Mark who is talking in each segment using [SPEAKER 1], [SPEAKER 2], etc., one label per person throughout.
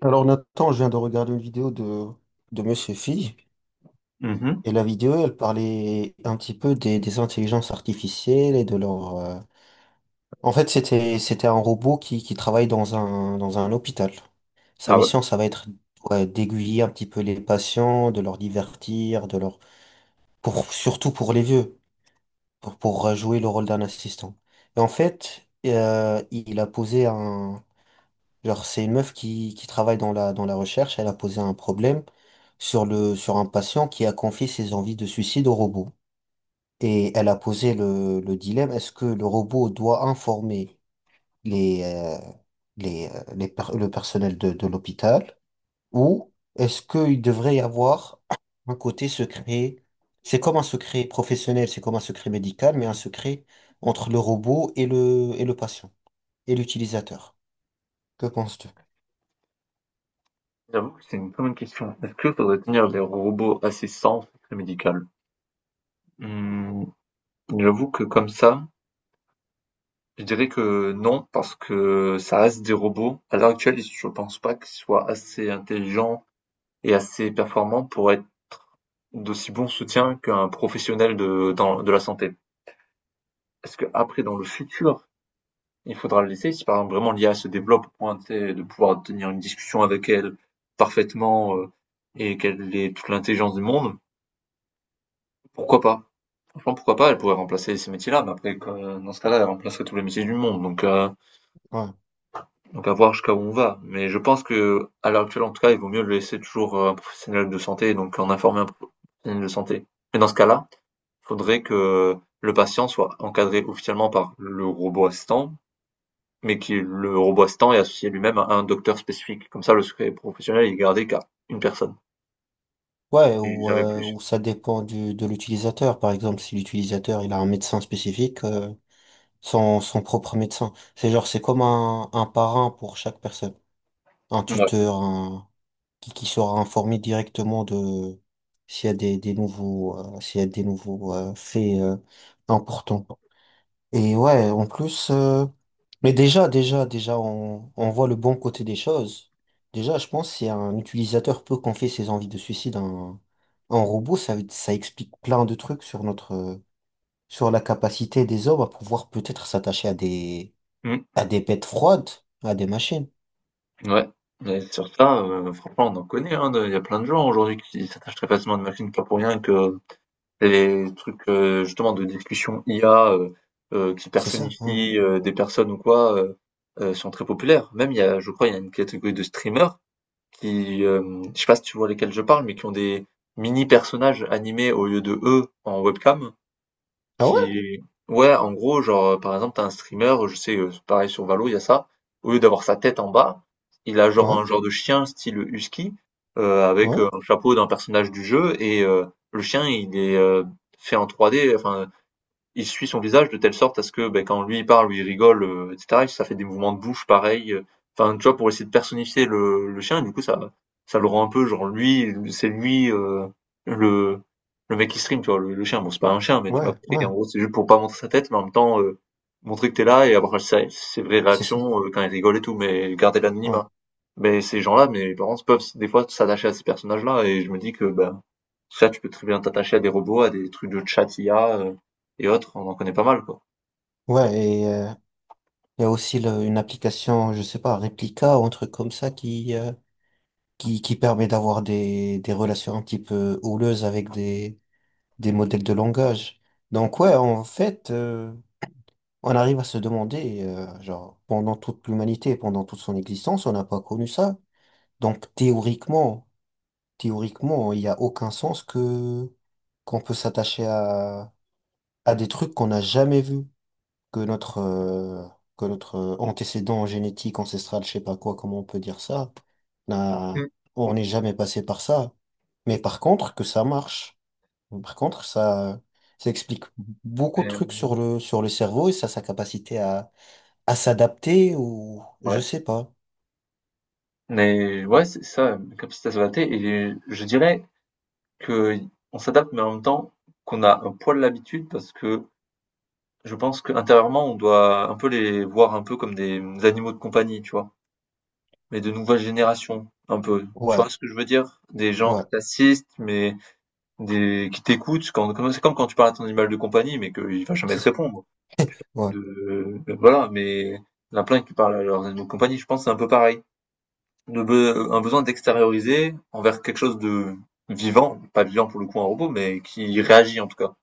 [SPEAKER 1] Alors Nathan, je viens de regarder une vidéo de Monsieur Phi,
[SPEAKER 2] Mmh.
[SPEAKER 1] et la vidéo, elle parlait un petit peu des intelligences artificielles et de leur... En fait, c'était un robot qui travaille dans un hôpital. Sa
[SPEAKER 2] Ah ouais?
[SPEAKER 1] mission, ça va être ouais, d'aiguiller un petit peu les patients, de leur divertir, de leur... Pour, surtout pour les vieux, pour jouer le rôle d'un assistant. Et en fait, il a posé un... Genre, c'est une meuf qui travaille dans la recherche. Elle a posé un problème sur sur un patient qui a confié ses envies de suicide au robot. Et elle a posé le dilemme, est-ce que le robot doit informer les, euh, le personnel de l'hôpital ou est-ce qu'il devrait y avoir un côté secret? C'est comme un secret professionnel, c'est comme un secret médical, mais un
[SPEAKER 2] Mmh.
[SPEAKER 1] secret entre le robot et le patient et l'utilisateur. Que penses-tu?
[SPEAKER 2] J'avoue que c'est une très bonne question. Est-ce que faudrait tenir les robots à ses sans secret médical? Mmh, j'avoue que comme ça, je dirais que non, parce que ça reste des robots. À l'heure actuelle, je pense pas qu'ils soient assez intelligents et assez performants pour être d'aussi bons soutiens qu'un professionnel de dans de la santé. Est-ce que après, dans le futur, il faudra le laisser? Si par exemple vraiment l'IA se développe au point, tu sais, de pouvoir tenir une discussion avec elle parfaitement, et qu'elle ait toute l'intelligence du monde. Pourquoi pas? Franchement, pourquoi pas? Elle pourrait remplacer ces métiers-là, mais après, dans ce cas-là, elle remplacerait tous les métiers du monde. Donc, euh,
[SPEAKER 1] Ouais.
[SPEAKER 2] donc à voir jusqu'à où on va. Mais je pense que, à l'heure actuelle, en tout cas, il vaut mieux le laisser toujours à un professionnel de santé, donc en informer un professionnel de santé. Mais dans ce cas-là, il faudrait que le patient soit encadré officiellement par le robot assistant, mais que le robot assistant est associé lui-même à un docteur spécifique. Comme ça, le secret professionnel est gardé qu'à une personne
[SPEAKER 1] Ouais,
[SPEAKER 2] et
[SPEAKER 1] ou,
[SPEAKER 2] jamais
[SPEAKER 1] euh,
[SPEAKER 2] plus.
[SPEAKER 1] ou ça dépend de l'utilisateur. Par exemple, si l'utilisateur il a un médecin spécifique, son propre médecin. C'est genre, c'est comme un parrain pour chaque personne. Un
[SPEAKER 2] Ouais.
[SPEAKER 1] tuteur un- qui sera informé directement de s'il y a des nouveaux, s'il y a des nouveaux faits importants. Et ouais, en plus, mais déjà, on voit le bon côté des choses. Déjà, je pense si un utilisateur peut confier ses envies de suicide à un robot, ça explique plein de trucs sur notre, sur la capacité des hommes à pouvoir peut-être s'attacher
[SPEAKER 2] Mmh.
[SPEAKER 1] à des bêtes froides, à des machines.
[SPEAKER 2] Ouais, mais sur ça, franchement, on en connaît, hein, de il y a plein de gens aujourd'hui qui s'attachent très facilement à une machine, pas pour rien que les trucs, justement de discussion IA, qui
[SPEAKER 1] C'est ça, ouais.
[SPEAKER 2] personnifient, des personnes ou quoi, sont très populaires. Même il y a je crois, il y a une catégorie de streamers qui, je sais pas si tu vois lesquels je parle, mais qui ont des mini personnages animés au lieu de eux en webcam
[SPEAKER 1] Ah ouais?
[SPEAKER 2] qui est. Ouais, en gros, genre, par exemple, t'as un streamer, je sais, pareil sur Valo, il y a ça. Au lieu d'avoir sa tête en bas, il a genre
[SPEAKER 1] Ouais,
[SPEAKER 2] un genre de chien style husky, avec,
[SPEAKER 1] ouais,
[SPEAKER 2] un chapeau d'un personnage du jeu et le chien, il est, fait en 3D, enfin il suit son visage de telle sorte à ce que ben, quand lui il parle ou il rigole, etc., ça fait des mouvements de bouche pareil. Enfin, tu vois, pour essayer de personnifier le chien, et du coup, ça le rend un peu genre lui, c'est lui le, le mec qui stream, tu vois, le chien. Bon, c'est pas un chien, mais tu m'as
[SPEAKER 1] ouais,
[SPEAKER 2] compris.
[SPEAKER 1] ouais,
[SPEAKER 2] En gros, c'est juste pour pas montrer sa tête, mais en même temps, montrer que t'es là et avoir ses vraies
[SPEAKER 1] c'est ça,
[SPEAKER 2] réactions quand il rigole et tout, mais garder
[SPEAKER 1] ouais.
[SPEAKER 2] l'anonymat. Mais ces gens-là, mes parents peuvent des fois s'attacher à ces personnages-là, et je me dis que ben ça, tu peux très bien t'attacher à des robots, à des trucs de chat IA et autres, on en connaît pas mal, quoi.
[SPEAKER 1] Ouais, et il y a aussi le- une application, je sais pas, Replica ou un truc comme ça qui permet d'avoir des relations un petit peu houleuses avec des modèles de langage. Donc ouais, en fait, on arrive à se demander, genre, pendant toute l'humanité, pendant toute son existence, on n'a pas connu ça. Donc théoriquement, il n'y a aucun sens que qu'on peut s'attacher à des trucs qu'on n'a jamais vus, que notre, antécédent génétique, ancestral, je sais pas quoi, comment on peut dire ça, n'a-
[SPEAKER 2] Mm.
[SPEAKER 1] on n'est jamais passé par ça. Mais par contre, que ça marche. Par contre, ça explique beaucoup de
[SPEAKER 2] Mais
[SPEAKER 1] trucs sur le cerveau et ça, sa capacité à s'adapter ou je
[SPEAKER 2] ouais,
[SPEAKER 1] sais pas.
[SPEAKER 2] mais ouais, c'est ça, la capacité à s'adapter. Et je dirais que on s'adapte, mais en même temps qu'on a un poil l'habitude, parce que je pense qu'intérieurement, on doit un peu les voir un peu comme des animaux de compagnie, tu vois. Mais de nouvelle génération, un peu. Tu
[SPEAKER 1] Ouais,
[SPEAKER 2] vois ce que je veux dire? Des gens
[SPEAKER 1] ouais,
[SPEAKER 2] qui t'assistent, mais des qui t'écoutent. C'est comme quand tu parles à ton animal de compagnie, mais qu'il va jamais
[SPEAKER 1] c'est
[SPEAKER 2] te
[SPEAKER 1] ça.
[SPEAKER 2] répondre.
[SPEAKER 1] Ouais,
[SPEAKER 2] De Voilà, mais il y en a plein qui parlent à leurs animaux de compagnie, je pense que c'est un peu pareil. Un besoin d'extérioriser envers quelque chose de vivant, pas vivant pour le coup un robot, mais qui réagit en tout cas,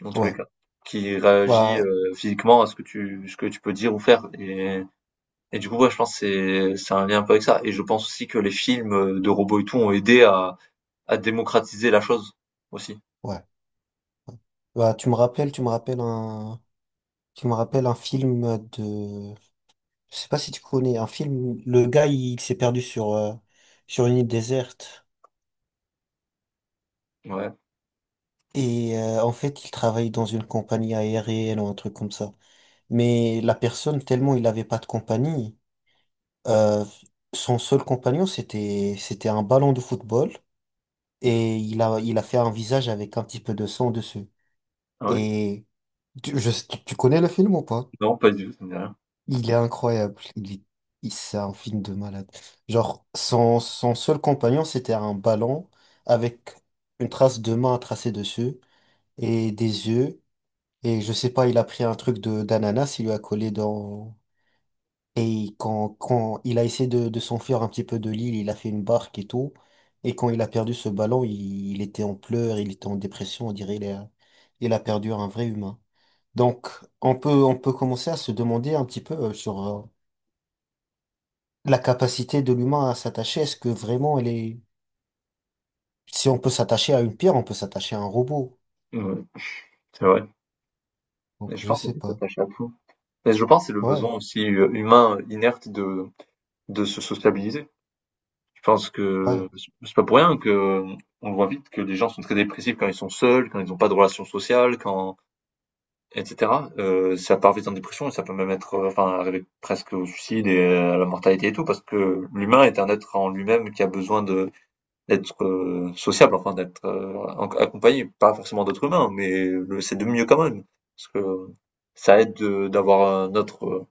[SPEAKER 2] dans tous les
[SPEAKER 1] ouais,
[SPEAKER 2] cas. Qui réagit
[SPEAKER 1] bah,
[SPEAKER 2] physiquement à ce que tu peux dire ou faire. Et du coup, ouais, je pense que c'est un lien un peu avec ça. Et je pense aussi que les films de robots et tout ont aidé à, démocratiser la chose aussi.
[SPEAKER 1] ouais. Bah, tu me rappelles un film de, je sais pas si tu connais, un film, le gars, s'est perdu sur une île déserte
[SPEAKER 2] Ouais.
[SPEAKER 1] et en fait, il travaille dans une compagnie aérienne ou un truc comme ça. Mais la personne, tellement il n'avait pas de compagnie, euh, son seul compagnon, c'était un ballon de football et il a fait un visage avec un petit peu de sang dessus.
[SPEAKER 2] Ah ouais.
[SPEAKER 1] Et tu, je- tu tu connais le film ou pas?
[SPEAKER 2] Non, pas du tout, ça me dit rien.
[SPEAKER 1] Il est incroyable. C'est un film de malade. Genre, son seul compagnon, c'était un ballon avec une trace de main tracée dessus et des yeux. Et je sais pas, il a pris un truc de d'ananas, il lui a collé dans. Et il- quand il a essayé de s'enfuir un petit peu de l'île, il a fait une barque et tout. Et quand il a perdu ce ballon, il était en pleurs, il était en dépression, on dirait il a perdu un vrai humain. Donc, on peut commencer à se demander un petit peu sur la capacité de l'humain à s'attacher. Est-ce que vraiment elle est... Si on peut s'attacher à une pierre, on peut s'attacher à un robot.
[SPEAKER 2] Ouais, c'est vrai. Et
[SPEAKER 1] Donc,
[SPEAKER 2] je
[SPEAKER 1] je
[SPEAKER 2] pense qu'on
[SPEAKER 1] sais
[SPEAKER 2] peut
[SPEAKER 1] pas.
[SPEAKER 2] s'attacher à tout. Mais je pense que c'est le
[SPEAKER 1] Ouais,
[SPEAKER 2] besoin aussi humain inerte de se sociabiliser. Je pense que
[SPEAKER 1] ouais.
[SPEAKER 2] c'est pas pour rien que on voit vite que les gens sont très dépressifs quand ils sont seuls, quand ils n'ont pas de relations sociales, quand etc. Ça part vite en dépression et ça peut même être enfin arriver presque au suicide et à la mortalité et tout parce que l'humain est un être en lui-même qui a besoin de d'être sociable, enfin d'être accompagné, pas forcément d'autres humains, mais c'est de mieux quand même parce que ça aide d'avoir un autre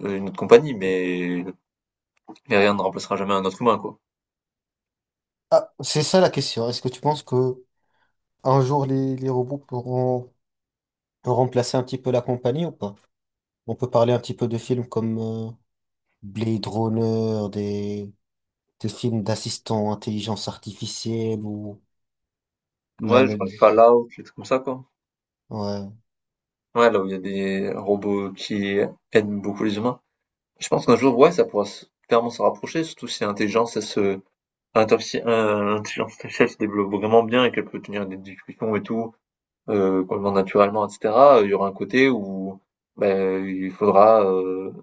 [SPEAKER 2] une autre compagnie, mais rien ne remplacera jamais un autre humain, quoi.
[SPEAKER 1] Ah, c'est ça la question. Est-ce que tu penses que un jour les robots pourront remplacer un petit peu la compagnie ou pas? On peut parler un petit peu de films comme Blade Runner, des films d'assistants, intelligence artificielle ou la,
[SPEAKER 2] Ouais,
[SPEAKER 1] la-
[SPEAKER 2] genre les Fallout, les trucs comme ça, quoi.
[SPEAKER 1] ouais,
[SPEAKER 2] Ouais, là où il y a des robots qui aiment beaucoup les humains. Je pense qu'un jour, ouais, ça pourra se clairement se rapprocher, surtout si l'intelligence heu, l'intelligence artificielle se développe vraiment bien et qu'elle peut tenir des discussions et tout, complètement naturellement et cetera, il y aura un côté où, beh, il faudra,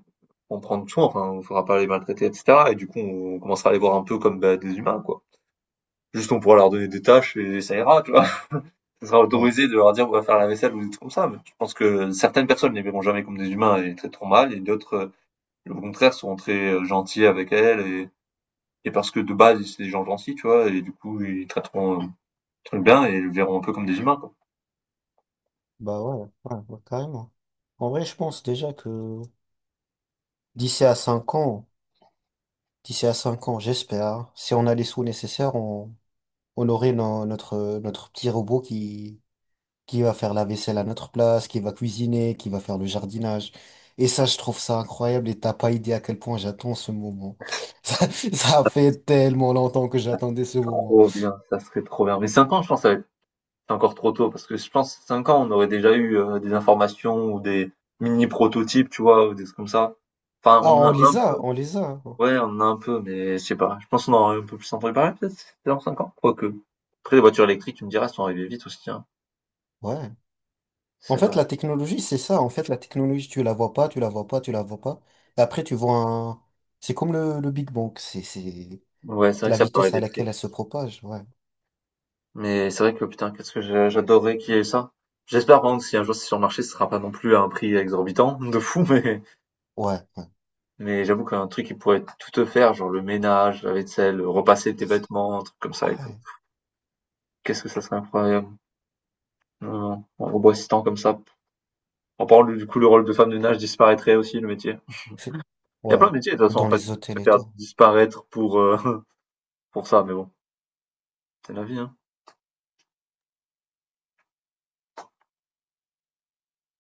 [SPEAKER 2] en prendre soin, enfin, il faudra pas les maltraiter et cetera et du coup, on commencera à les voir un peu comme, bah, des humains, quoi. Juste, on pourra leur donner des tâches et ça ira, tu vois. Ça sera
[SPEAKER 1] ouais,
[SPEAKER 2] autorisé de leur dire, on va faire la vaisselle ou des trucs comme ça. Mais je pense que certaines personnes les verront jamais comme des humains et les traiteront mal, et d'autres, au contraire, seront très gentils avec elles et parce que de base, c'est des gens gentils, tu vois, et du coup, ils traiteront très bien et les verront un peu comme des humains, quoi.
[SPEAKER 1] bah ouais, ouais, ouais, carrément. En vrai, je pense déjà que d'ici à 5 ans, d'ici à 5 ans, j'espère, si on a les sous nécessaires, on aurait no- notre, notre petit robot qui va faire la vaisselle à notre place, qui va cuisiner, qui va faire le jardinage. Et ça,
[SPEAKER 2] Voilà.
[SPEAKER 1] je trouve ça incroyable et t'as pas idée à quel point j'attends ce moment. Ça fait tellement longtemps que j'attendais ce moment.
[SPEAKER 2] Trop bien, ça serait trop bien. Mais 5 ans, je pense, ça va être encore trop tôt parce que je pense 5 ans, on aurait déjà eu des informations ou des mini prototypes, tu vois, ou des trucs comme ça. Enfin,
[SPEAKER 1] Ah,
[SPEAKER 2] on en a un peu.
[SPEAKER 1] on les a.
[SPEAKER 2] Ouais, on en a un peu, mais je sais pas. Je pense qu'on aura un peu plus en préparé, peut-être, dans 5 ans, quoique. Après, les voitures électriques, tu me diras, elles sont arrivées vite aussi, hein.
[SPEAKER 1] Ouais. En
[SPEAKER 2] C'est
[SPEAKER 1] fait,
[SPEAKER 2] vrai.
[SPEAKER 1] la technologie, c'est ça. En fait, la technologie, tu la vois pas. Et après, tu vois un... C'est comme le Big Bang. C'est
[SPEAKER 2] Ouais, c'est vrai que
[SPEAKER 1] la
[SPEAKER 2] ça peut
[SPEAKER 1] vitesse à
[SPEAKER 2] arriver très
[SPEAKER 1] laquelle elle
[SPEAKER 2] vite.
[SPEAKER 1] se propage. Ouais.
[SPEAKER 2] Mais c'est vrai que, putain, qu'est-ce que j'adorerais qu'il y ait ça. J'espère, par contre, si un jour c'est sur le marché, ce sera pas non plus à un prix exorbitant, de fou, mais,
[SPEAKER 1] Ouais. Ouais.
[SPEAKER 2] mais j'avoue qu'un truc qui pourrait tout te faire, genre le ménage, la vaisselle, repasser tes
[SPEAKER 1] C'est-
[SPEAKER 2] vêtements, un truc comme ça et tout.
[SPEAKER 1] Ouais.
[SPEAKER 2] Qu'est-ce que ça serait incroyable. Non, non, un robot assistant comme ça. En parlant, du coup, le rôle de femme de ménage disparaîtrait aussi, le métier.
[SPEAKER 1] C'est-
[SPEAKER 2] Il y a
[SPEAKER 1] Ouais.
[SPEAKER 2] plein de métiers de toute façon
[SPEAKER 1] Dans
[SPEAKER 2] en fait, qui
[SPEAKER 1] les hôtels
[SPEAKER 2] peuvent
[SPEAKER 1] et
[SPEAKER 2] faire
[SPEAKER 1] tout.
[SPEAKER 2] disparaître pour, pour ça, mais bon, c'est la vie, hein.